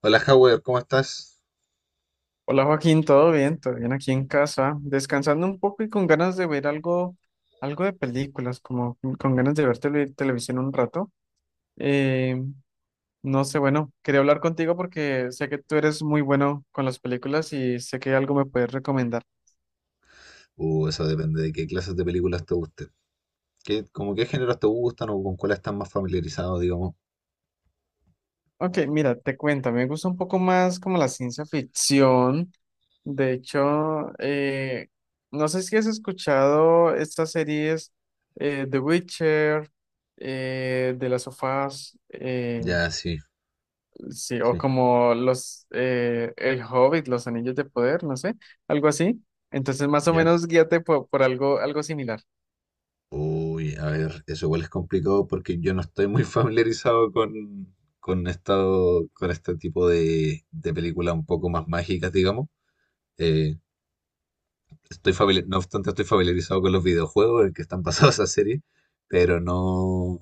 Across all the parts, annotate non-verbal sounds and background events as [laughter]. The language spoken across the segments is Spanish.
Hola, Howard, ¿cómo estás? Hola Joaquín, ¿todo bien? ¿Todo bien aquí en casa? Descansando un poco y con ganas de ver algo, algo de películas, como con ganas de ver televisión un rato. Eh, no sé, bueno, quería hablar contigo porque sé que tú eres muy bueno con las películas y sé que algo me puedes recomendar. Eso depende de qué clases de películas te gusten. ¿Qué, como qué géneros te gustan o con cuáles estás más familiarizado, digamos? Ok, mira, te cuento, me gusta un poco más como la ciencia ficción. De hecho, no sé si has escuchado estas series The Witcher, The Last of Us, Ya, sí, sí, o sí, como los El Hobbit, Los Anillos de Poder, no sé, algo así. Entonces, más o ya. menos guíate por algo, algo similar. Uy, a ver, eso igual es complicado porque yo no estoy muy [laughs] familiarizado con esto, con este tipo de películas un poco más mágicas, digamos. Eh, Estoy familiar, no obstante, estoy familiarizado con los videojuegos en que están [laughs] basadas esa serie, pero no.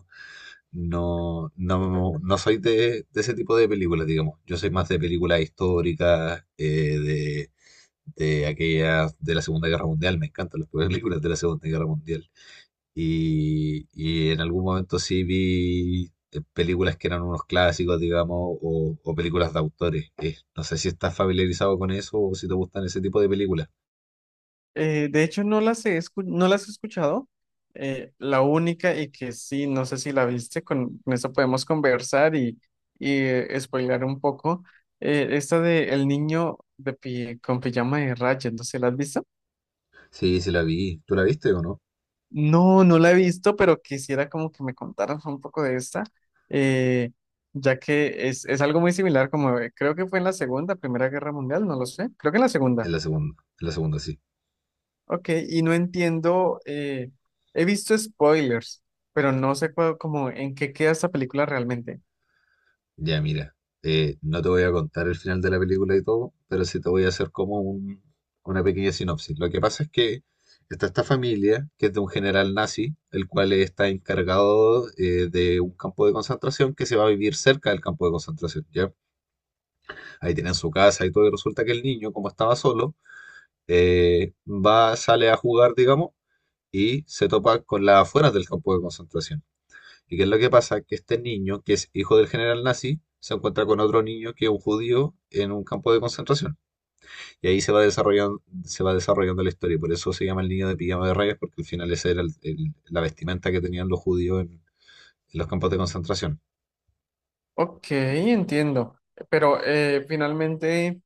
No, no, no soy de ese tipo de películas, digamos. Yo soy más de películas históricas, de aquellas de la Segunda Guerra Mundial. Me encantan las películas de la Segunda Guerra Mundial. Y en algún momento sí vi películas que eran unos clásicos, digamos, o películas de autores. No sé si estás familiarizado con eso o si te gustan ese tipo de películas. De hecho, no las he escuchado. La única y que sí, no sé si la viste, con eso podemos conversar y, y spoilear un poco. Esta de El niño de pi- con pijama de rayas, no sé, ¿la has visto? Sí, sí la vi. ¿Tú la viste o no? No, no la he visto, pero quisiera como que me contaras un poco de esta, eh, ya que es algo muy similar, como creo que fue en la Primera Guerra Mundial, no lo sé, creo que en la Segunda. En la segunda sí. Ok, y no entiendo, he visto spoilers, pero no sé como en qué queda esta película realmente. Ya, mira, no te voy a contar el final de la película y todo, pero sí te voy a hacer como una pequeña sinopsis. Lo que pasa es que está esta familia, que es de un general nazi, el cual está encargado de un campo de concentración, que se va a vivir cerca del campo de concentración, ¿ya? Ahí tienen su casa y todo, y resulta que el niño, como estaba solo, va, sale a jugar, digamos, y se topa con las afueras del campo de concentración. ¿Y qué es lo que pasa? Que este niño, que es hijo del general nazi, se encuentra con otro niño que es un judío en un campo de concentración. Y ahí se va desarrollando la historia. Y por eso se llama el niño de pijama de rayas, porque al final esa era la vestimenta que tenían los judíos en los campos de concentración. Ok, entiendo, pero finalmente...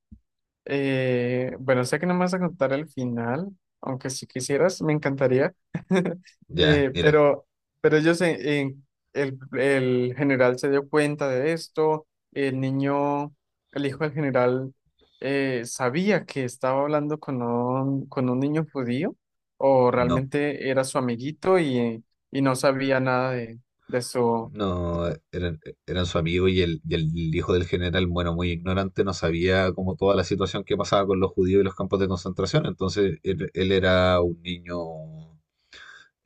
Bueno, sé que no me vas a contar el final, aunque si quisieras, me encantaría. [laughs] Ya, Eh, mira, pero, pero ellos, el general se dio cuenta de esto, el niño, el hijo del general, sabía que estaba hablando con un niño judío, o no. realmente era su amiguito y no sabía nada de, de su... No, eran, eran su amigo y el hijo del general, bueno, muy ignorante, no sabía como toda la situación que pasaba con los judíos y los campos de concentración. Entonces él era un niño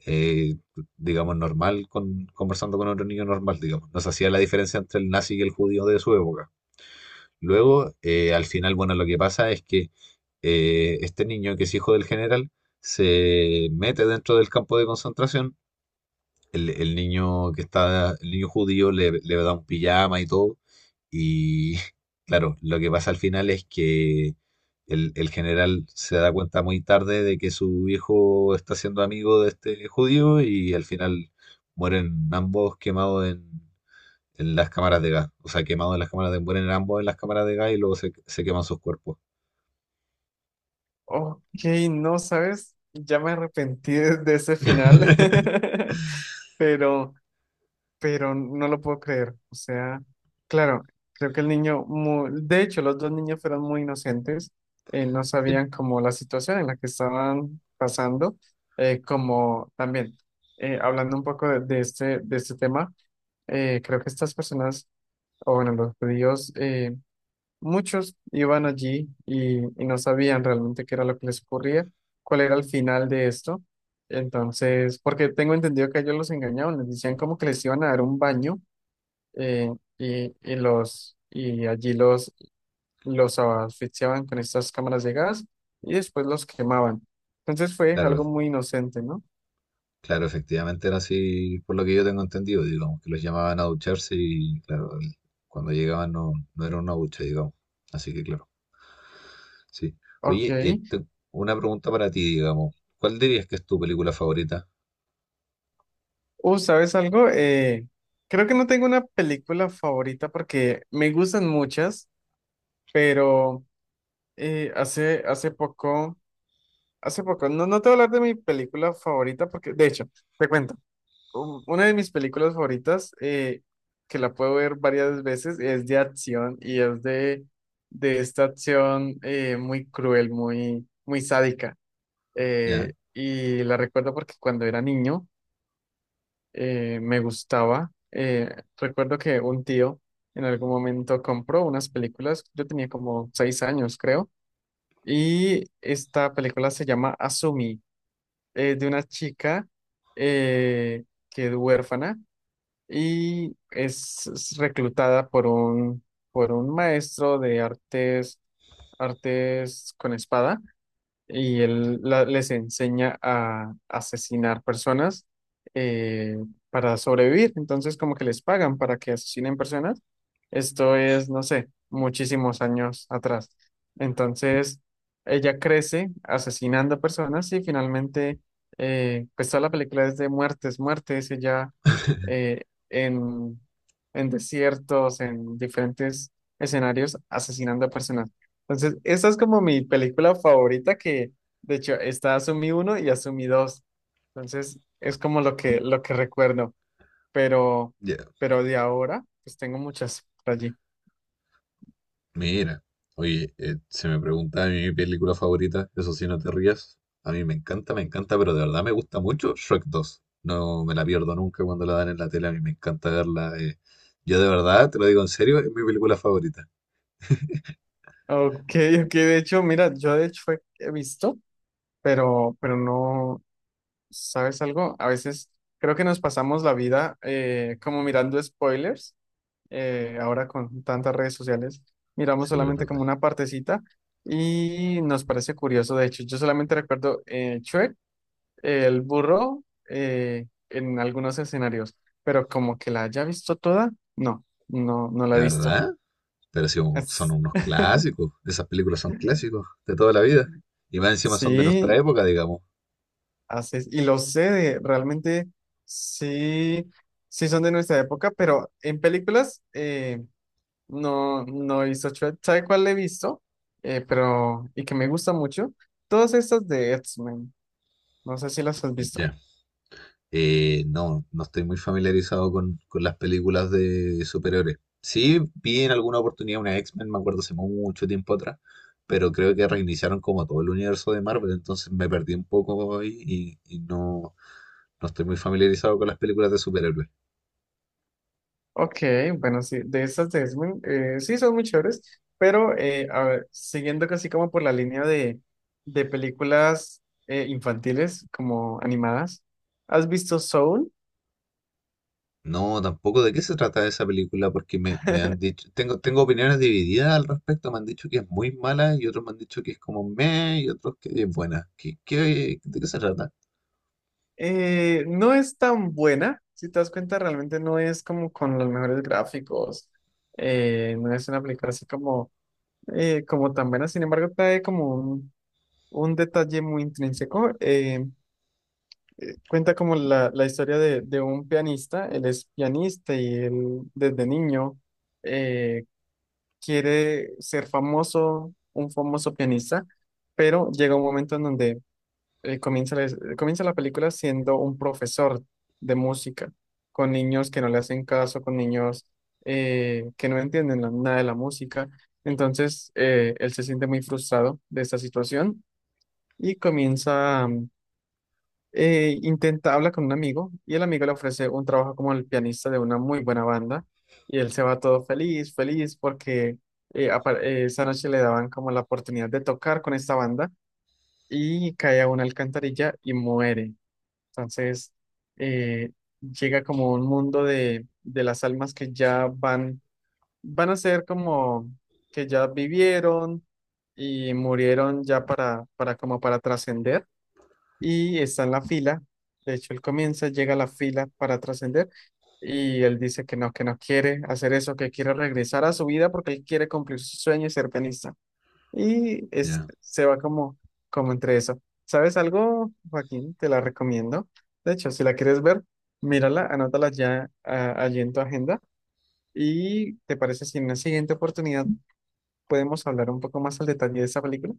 eh, digamos, normal, con, conversando con otro niño normal, digamos. Nos hacía la diferencia entre el nazi y el judío de su época. Luego, al final, bueno, lo que pasa es que este niño, que es hijo del general, se mete dentro del campo de concentración. El niño que está, el niño judío le, le da un pijama y todo. Y [laughs] claro, lo que pasa al final es que el general se da cuenta muy tarde de que su hijo está siendo amigo de este judío, y al final mueren ambos quemados en las cámaras de gas. O sea, quemados en las cámaras de, mueren ambos en las cámaras de gas y luego se, se queman sus cuerpos. Ok, no sabes, ya me arrepentí de ese final, [laughs] pero... pero no lo puedo creer. O sea, claro, creo que el niño, de hecho, los dos niños fueron muy inocentes, no Sí, sabían como la situación en la que estaban pasando, como también, hablando un poco de este tema, creo que estas personas, o bueno, los judíos, muchos iban allí y no sabían realmente qué era lo que les ocurría, cuál era el final de esto. Entonces, porque tengo entendido que ellos los engañaban, les decían como que les iban a dar un baño eh, y los y allí los asfixiaban con estas cámaras de gas y después los quemaban. Entonces fue claro, algo muy inocente, ¿no? claro, efectivamente era así, por lo que yo tengo entendido, digamos, que los llamaban a ducharse y, claro, cuando llegaban no, no era una ducha, digamos. Así que, claro, sí. Ok. Oye, una pregunta para ti, digamos. ¿Cuál dirías que es tu película favorita? ¿Sabes algo? Creo que no tengo una película favorita porque me gustan muchas, pero hace poco, no, no te voy a hablar de mi película favorita porque, de hecho, te cuento. Una de mis películas favoritas, que la puedo ver varias veces, es de acción y es de esta acción muy cruel, muy sádica. ¿Ya? Y la recuerdo porque cuando era niño me gustaba. Recuerdo que un tío en algún momento compró unas películas, yo tenía como 6 años, creo, y esta película se llama Asumi, es de una chica eh, que es huérfana y es reclutada por por un maestro de artes, artes con espada y les enseña a asesinar personas eh, para sobrevivir. Entonces, como que les pagan para que asesinen personas. Esto es, no sé, muchísimos años atrás. Entonces, ella crece asesinando personas y finalmente, pues toda la película es de muertes, ella eh, en, en desiertos, en diferentes escenarios, asesinando personas. Entonces, esa es como mi película favorita que, de hecho, está Asumí uno y Asumí dos. Entonces, es como lo que recuerdo. Pero, Ya. pero de ahora, pues tengo muchas por allí. Mira, oye, se me pregunta a mí mi película favorita, eso sí, no te rías. A mí me encanta, pero de verdad me gusta mucho Shrek 2. No me la pierdo nunca cuando la dan en la tele, a mí me encanta verla. Yo de verdad, te lo digo en serio, es mi película favorita. Ok, ok, de hecho, mira, yo de hecho he visto, pero no, ¿sabes algo? A veces creo que nos pasamos la vida como mirando spoilers ahora con tantas redes sociales, miramos Sí, igual es solamente como verdad. una partecita y nos parece curioso. De hecho, yo solamente recuerdo Shrek, el burro, en algunos escenarios, pero como que la haya visto toda, no, no la ¿De he visto. verdad? Pero sí, son Es- unos clásicos. Esas películas son clásicos de toda la vida. Y más encima son de nuestra sí, época, digamos. así es, y lo sé, realmente sí, sí son de nuestra época, pero en películas... no, no he visto Shrek. ¿Sabe cuál he visto? Pero, y que me gusta mucho. Todas estas de X-Men. No sé si las has visto. Ya. No, no estoy muy familiarizado con las películas de superhéroes. Sí, vi en alguna oportunidad una X-Men, me acuerdo hace mucho tiempo atrás, pero creo que reiniciaron como todo el universo de Marvel, entonces me perdí un poco ahí y no, no estoy muy familiarizado con las películas de superhéroes. Ok, bueno, sí, de estas de X-Men, sí son muy chéveres. Pero, a ver, siguiendo casi como por la línea de películas infantiles, como animadas. ¿Has visto Soul? No, tampoco de qué se trata esa película, porque me han [laughs] dicho, tengo, tengo opiniones divididas al respecto, me han dicho que es muy mala y otros me han dicho que es como meh y otros que es buena. ¿Qué, de qué se trata? No es tan buena. Si te das cuenta, realmente no es como con los mejores gráficos. No es una película así como como tan buena, sin embargo, trae como un detalle muy intrínseco. Cuenta como la historia de un pianista, él es pianista y él desde niño eh, quiere ser famoso, un famoso pianista, pero llega un momento en donde eh, comienza, la, comienza la película siendo un profesor de música, con niños que no le hacen caso, con niños que no entienden nada de la música. Entonces, él se siente muy frustrado de esta situación y intenta, habla con un amigo y el amigo le ofrece un trabajo como el pianista de una muy buena banda y él se va todo feliz, feliz porque... esa noche le daban como la oportunidad de tocar con esta banda y cae a una alcantarilla y muere. Entonces, eh, llega como un mundo de las almas que ya van, van a ser como que ya vivieron y murieron ya para como para trascender y está en la fila. De hecho, él comienza, llega a la fila para trascender y él dice que no quiere hacer eso, que quiere regresar a su vida porque él quiere cumplir su sueño y ser pianista. Ya, Se va como, como entre eso. ¿Sabes algo, Joaquín? Te la recomiendo. De hecho, si la quieres ver, mírala, anótala ya allí en tu agenda. ¿Y te parece si en una siguiente oportunidad podemos hablar un poco más al detalle de esa película?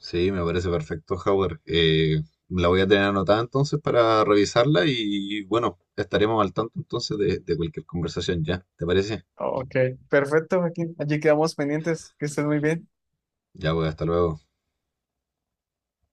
sí, me parece perfecto, Howard. La voy a tener anotada entonces para revisarla y bueno, estaremos al tanto entonces de cualquier conversación ya, ¿te parece? Ok, perfecto, Joaquín. Allí quedamos pendientes. Que estés muy bien. Ya, pues, hasta luego.